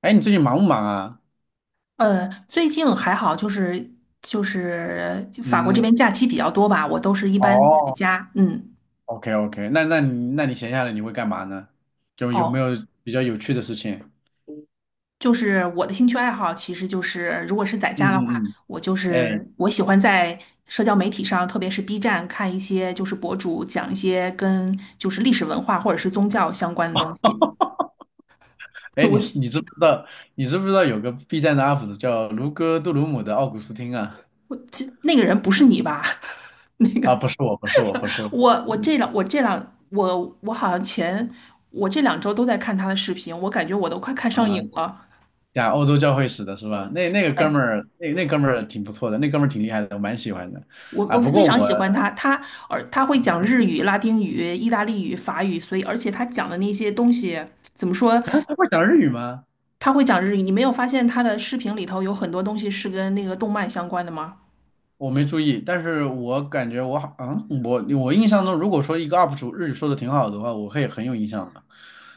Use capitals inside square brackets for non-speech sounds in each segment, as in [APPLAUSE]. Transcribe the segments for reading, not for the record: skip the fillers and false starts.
哎，你最近忙不忙啊？最近还好，就是法国这嗯。边假期比较多吧，我都是一般在哦家。嗯，，OK OK，那你闲下来你会干嘛呢？就有没哦，有比较有趣的事情？就是我的兴趣爱好，其实就是如果是在嗯家的话，嗯我就嗯。哎是我喜欢在社交媒体上，特别是 B 站看一些就是博主讲一些跟就是历史文化或者是宗教相关的东西。哎，[LAUGHS] 我你这是你知不知道你知不知道有个 B 站的 UP 主叫卢哥杜鲁姆的奥古斯汀啊？这那个人不是你吧？啊，不是我，不是我，不是我。[LAUGHS] 我我这嗯。两我这两我我好像前我这两周都在看他的视频，我感觉我都快看上啊，瘾了。讲欧洲教会史的是吧？那那个哥们对。儿，那哥们儿挺不错的，那哥们儿挺厉害的，我蛮喜欢的我啊。我不非过常我，喜欢他，而他会嗯讲嗯。日语、拉丁语、意大利语、法语，所以而且他讲的那些东西怎么说？[LAUGHS] 啊，他会讲日语吗？他会讲日语，你没有发现他的视频里头有很多东西是跟那个动漫相关的吗？我没注意，但是我感觉我好，我印象中，如果说一个 UP 主日语说的挺好的话，我会很有印象的。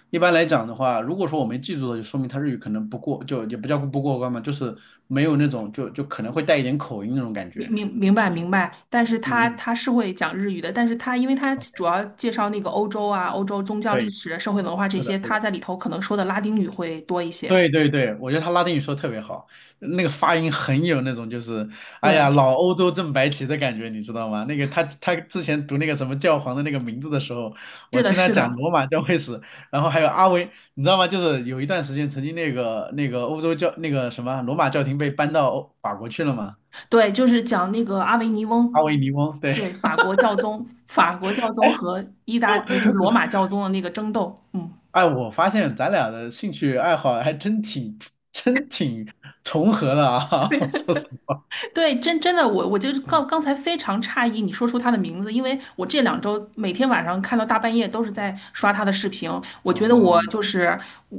一般来讲的话，如果说我没记住的，就说明他日语可能不过，就也不叫不过关嘛，就是没有那种就可能会带一点口音那种感明觉。明明白明白，但是嗯他嗯。他是会讲日语的，但是因为他主要介绍那个欧洲啊、欧洲宗教历对，史、社会文化这是的，些，是他的。在里头可能说的拉丁语会多一些。对对对，我觉得他拉丁语说的特别好，那个发音很有那种就是，哎呀，对，老欧洲正白旗的感觉，你知道吗？那个他之前读那个什么教皇的那个名字的时候，是我的，听他是讲的。罗马教会史，然后还有阿维，你知道吗？就是有一段时间曾经那个欧洲教那个什么罗马教廷被搬到欧法国去了嘛。对，就是讲那个阿维尼阿翁，维尼翁，对。对，法国教宗，法国教宗和意大利就罗马教宗的那个争斗，嗯。哎，我发现咱俩的兴趣爱好还真挺真挺重合的啊。[LAUGHS] 我说实话，[LAUGHS] 对，真的，我就是刚嗯。刚才非常诧异你说出他的名字，因为我这两周每天晚上看到大半夜都是在刷他的视频。我觉得我哦，就是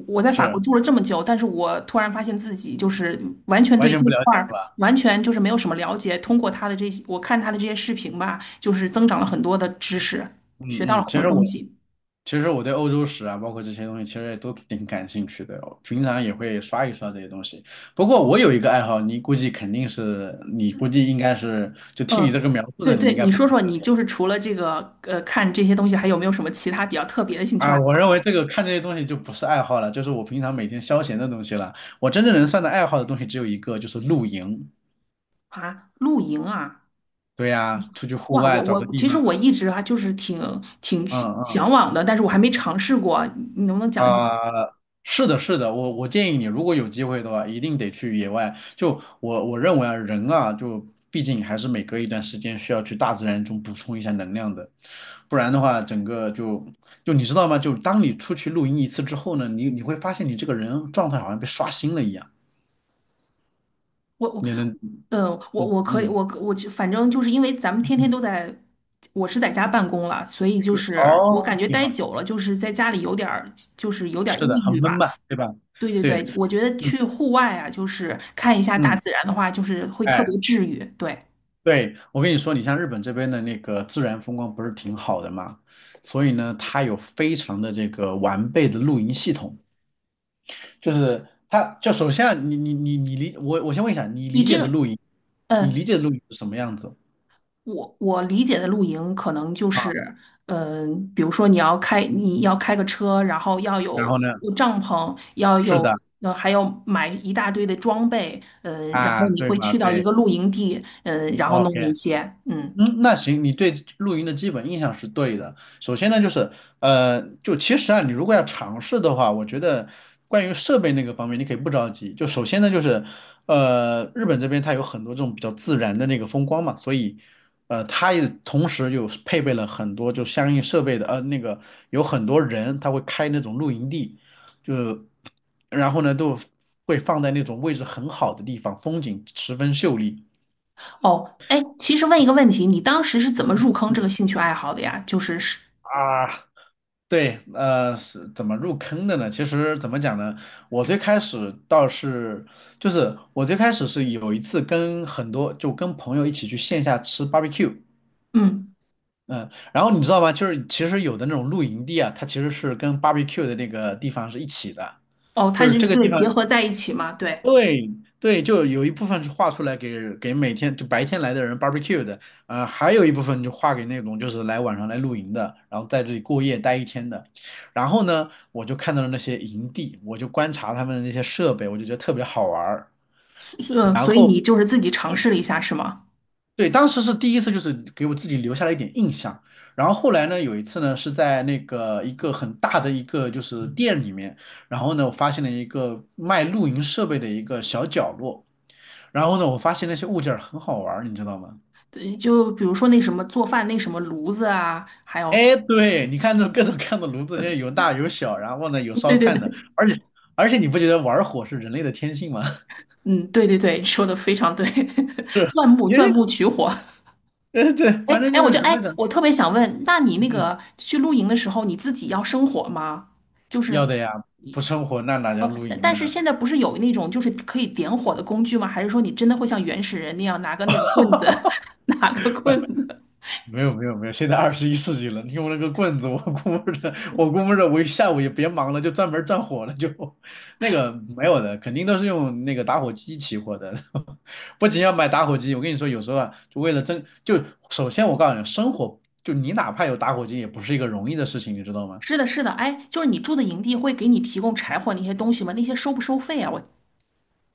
我在法国是住了这么久，但是我突然发现自己就是完全完对全这一不了块解。是儿吧？完全就是没有什么了解。通过他的这些，我看他的这些视频吧，就是增长了很多的知识，学到嗯了嗯。很多东西。其实我对欧洲史啊，包括这些东西，其实也都挺感兴趣的哦，平常也会刷一刷这些东西。不过我有一个爱好，你估计肯定是，你估计应该是，就听你这嗯，个描述对呢，你对，应该你不会说说，是你脸就是除了这个看这些东西，还有没有什么其他比较特别的兴趣爱啊。我认为这个看这些东西就不是爱好了，就是我平常每天消闲的东西了。我真正能算的爱好的东西只有一个，就是露营。好啊？露营啊，对呀，出去户哇，外我找个我地其实方，我一直啊就是挺向嗯嗯。向往的，但是我还没尝试过，你能不能讲讲？啊，是的，是的，我建议你，如果有机会的话，一定得去野外。就我认为啊，人啊，就毕竟还是每隔一段时间需要去大自然中补充一下能量的，不然的话，整个就你知道吗？就当你出去露营一次之后呢，你会发现你这个人状态好像被刷新了一样，我我你能，呃我嗯我可以嗯我可我就反正就是因为咱们天天嗯。都在，我是在家办公了，所以就是是我哦，感觉挺待好。久了，就是在家里有点儿是的，抑很郁闷吧。嘛，对吧？对对对。对，我觉得嗯去户外啊，就是看一下大嗯。自然的话，就是会特哎。别治愈。对，对，我跟你说，你像日本这边的那个自然风光不是挺好的嘛，所以呢，它有非常的这个完备的露营系统，就是它就首先啊你理,我先问一下，你你理这解的个，露营，你呃，理解的露营是什么样子我我理解的露营可能就啊？是，嗯、比如说你要开个车，然后要然有后呢，帐篷，要是有的。还要买一大堆的装备，嗯、然后啊，你对会嘛，去到一对个露营地，嗯、然后弄，OK。那些，嗯，嗯，那行，你对露营的基本印象是对的。首先呢，就是，就其实啊，你如果要尝试的话，我觉得关于设备那个方面，你可以不着急。就首先呢，就是，日本这边它有很多这种比较自然的那个风光嘛，所以，它也同时有配备了很多就相应设备的，那个有很多人他会开那种露营地，就，然后呢，都会放在那种位置很好的地方，风景十分秀丽。哦，哎，其实问一个问题，你当时是怎么嗯入坑这个嗯。兴趣爱好的呀？啊，对，是怎么入坑的呢？其实怎么讲呢？我最开始倒是，就是我最开始是有一次跟很多，就跟朋友一起去线下吃 barbecue。嗯。嗯，然后你知道吗？就是其实有的那种露营地啊，它其实是跟 barbecue 的那个地方是一起的，哦，它就是就是这个地对结方。合在一起嘛，对，对。对，就有一部分是画出来给给每天就白天来的人 barbecue 的，还有一部分就画给那种就是来晚上来露营的，然后在这里过夜待一天的。然后呢，我就看到了那些营地，我就观察他们的那些设备，我就觉得特别好玩儿。所呃然所以后你就是自己尝试了一下是吗？对，当时是第一次，就是给我自己留下了一点印象。然后后来呢，有一次呢是在那个一个很大的一个就是店里面，然后呢我发现了一个卖露营设备的一个小角落。然后呢，我发现那些物件儿很好玩儿，你知道吗？对就比如说那什么做饭那什么炉子啊，还有，哎，对，你看这各种各样的炉子，这有大有小，然后呢有嗯烧对对炭的，对，而且你不觉得玩火是人类的天性吗？[LAUGHS] 嗯，对对对，说的非常对，[LAUGHS] 是，钻木你钻是，木取火。对对，哎反正哎，就是怎么哎，讲，我特别想问，那你那嗯。嗯，个去露营的时候，你自己要生火吗？就要是的呀，不生火那哪叫哦，露但营但呢？是现在不是有那种就是可以点火的工具吗？还是说你真的会像原始人那样拿个那个棍子，[LAUGHS] 拿个棍子？没有没有没有，现在二十一世纪了，你用那个棍子，我估摸着我一下午也别忙了，就专门转火了，就那个没有的，肯定都是用那个打火机起火的。[LAUGHS] 不仅要买打火机，我跟你说，有时候啊，就为了争，就首先我告诉你，生火就你哪怕有打火机，也不是一个容易的事情，你知道吗？是的，是的，哎，就是你住的营地会给你提供柴火那些东西吗？那些收不收费啊？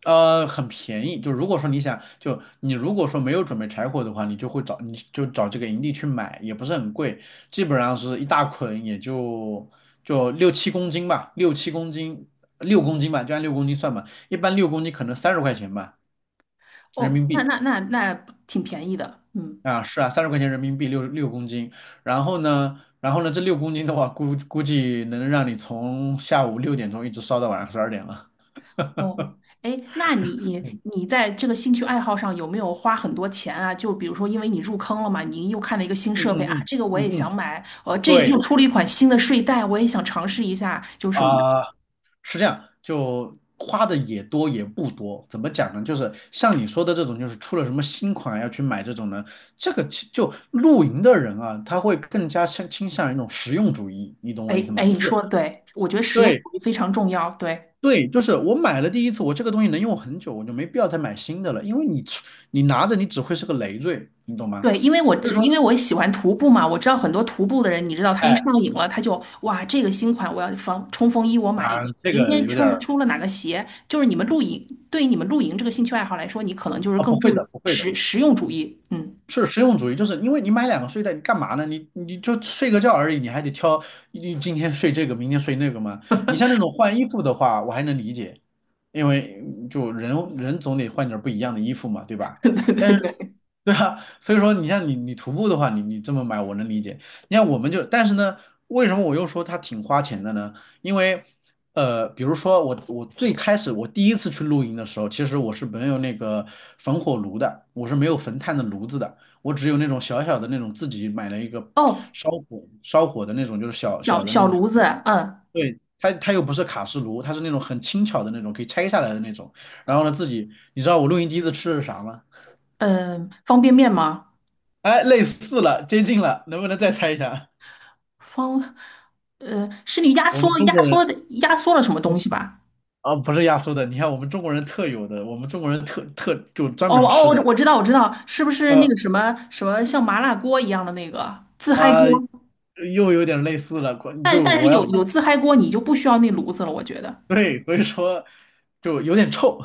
很便宜。就如果说你想，就你如果说没有准备柴火的话，你就会找，你就找这个营地去买，也不是很贵，基本上是一大捆，也就就六七公斤吧，六七公斤，六公斤吧，就按六公斤算吧。一般六公斤可能三十块钱吧，人哦，民那币。那那那挺便宜的，嗯，啊，是啊，三十块钱人民币六公斤。然后呢，然后呢，这六公斤的话，估计能让你从下午六点钟一直烧到晚上十二点了。哦，哎，那你嗯你在这个兴趣爱好上有没有花很多钱啊？就比如说，因为你入坑了嘛，你又看了一个新嗯设备嗯啊，嗯这个我也嗯嗯。想买，这又对。出了一款新的睡袋，我也想尝试一下，就是什么的，啊、是这样，就花的也多也不多，怎么讲呢？就是像你说的这种，就是出了什么新款要去买这种呢，这个其就露营的人啊，他会更加倾向于一种实用主义，你懂我意思哎哎，吗？你就是说的对，我觉得实用对主义非常重要，对。对，就是我买了第一次，我这个东西能用很久，我就没必要再买新的了，因为你拿着你只会是个累赘，你懂吗？对，所以因说，为我喜欢徒步嘛，我知道很多徒步的人，你知道他一哎上瘾了，他就哇，这个新款我要防冲锋衣，我买一啊、个。这明个天有点冲儿出了哪个鞋，就是你们露营，对于你们露营这个兴趣爱好来说，你可能就是啊，更不会注重的，不会的。实用主义。嗯，是实用主义，就是因为你买两个睡袋，你干嘛呢？你就睡个觉而已，你还得挑，你今天睡这个，明天睡那个吗？你像那种换衣服的话，我还能理解，因为嗯就人人总得换点儿不一样的衣服嘛，对 [LAUGHS] 吧？对对但是，对。[LAUGHS] 对啊，所以说你像你徒步的话，你这么买我能理解。你看我们就，但是呢，为什么我又说它挺花钱的呢？因为比如说我最开始我第一次去露营的时候，其实我是没有那个焚火炉的，我是没有焚炭的炉子的。我只有那种小小的那种自己买了一个哦，烧火的那种，就是小小小的那小种。炉子，嗯对，它又不是卡式炉，它是那种很轻巧的那种，可以拆下来的那种。然后呢，自己你知道我录音机子吃的是啥吗？嗯，方便面吗？哎，类似了，接近了，能不能再猜一下？方，是你我们中国人，压缩了什么东我西吧？啊、不是压缩的，你看我们中国人特有的，我们中国人特就专哦门哦，吃的，我知道我知道，是不是那呃个什么什么像麻辣锅一样的那个自嗨啊、锅？又有点类似了，但就但是我要 有自嗨锅，你就不需要那炉子了，我觉得 [LAUGHS] 对，所以说就有点臭。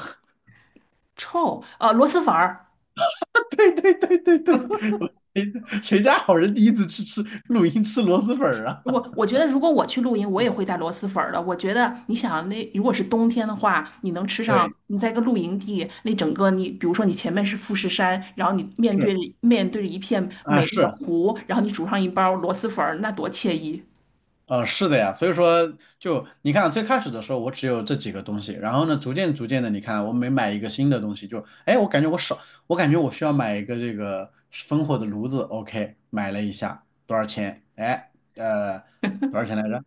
臭。螺蛳粉儿，[LAUGHS] 对对对对对。我，谁，谁家好人第一次去吃露营吃螺蛳粉儿啊？我觉得如果我去露营，我也会带螺蛳粉儿的。我觉得你想那如果是冬天的话，你能吃 [LAUGHS] 上，对，你在一个露营地，那整个你比如说你前面是富士山，然后你面是对着面对着一片啊，美丽的是，湖，然后你煮上一包螺蛳粉儿，那多惬意！呃，是的呀，所以说就你看最开始的时候我只有这几个东西，然后呢逐渐的你看我每买一个新的东西就哎我感觉我少我感觉我需要买一个这个烽火的炉子，OK 买了一下多少钱？哎，呃多少钱来着？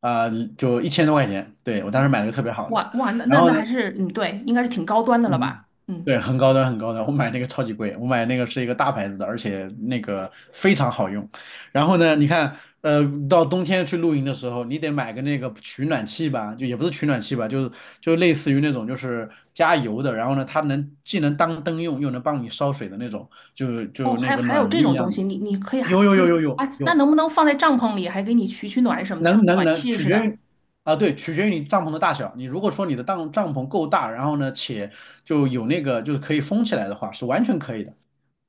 啊、就一千多块钱，对我当时你买了个特别好哇的，哇，那然那后那还呢。是嗯，对，应该是挺高端的了嗯，吧？嗯。对，很高端，很高端。我买那个超级贵，我买那个是一个大牌子的，而且那个非常好用。然后呢，你看，到冬天去露营的时候，你得买个那个取暖器吧，就也不是取暖器吧，就是就类似于那种就是加油的，然后呢，它能既能当灯用，又能帮你烧水的那种，就哦，就还那有个还有暖这炉一种东样的。西，你可以有有有有有哎，那有，能不能放在帐篷里，还给你取取暖什么，像能个能暖能，气取似决的，于啊，对，取决于你帐篷的大小。你如果说你的帐篷够大，然后呢，且就有那个就是可以封起来的话，是完全可以的，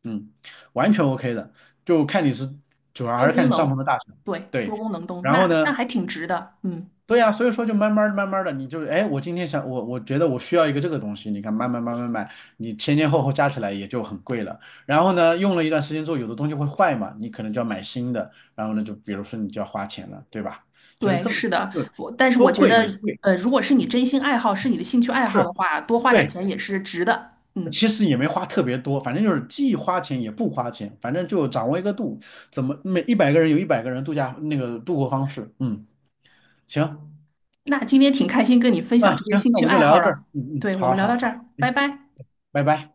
嗯，完全 OK 的，就看你是主要还多是看功你帐篷能，的大小。对，多对。功能灯，然后那呢，还挺值的，嗯，对呀，所以说就慢慢儿慢慢的，你就哎，我今天想我觉得我需要一个这个东西，你看慢慢买，你前前后后加起来也就很贵了。然后呢，用了一段时间之后，有的东西会坏嘛，你可能就要买新的，然后呢，就比如说你就要花钱了，对吧？就是对，这么是的，就但是我多觉贵得，也贵。如果是你嗯真心爱好，是你嗯，的兴趣爱好是的话，多花点对，钱也是值的，嗯，其实也没花特别多，反正就是既花钱也不花钱，反正就掌握一个度，怎么每一百个人有一百个人度假那个度过方式，嗯，行。那今天挺开心跟你分享嗯，这些行，兴那我趣们就爱聊好到这儿。了，嗯嗯，对，我们好聊好到这好，儿，拜嗯，拜。拜拜。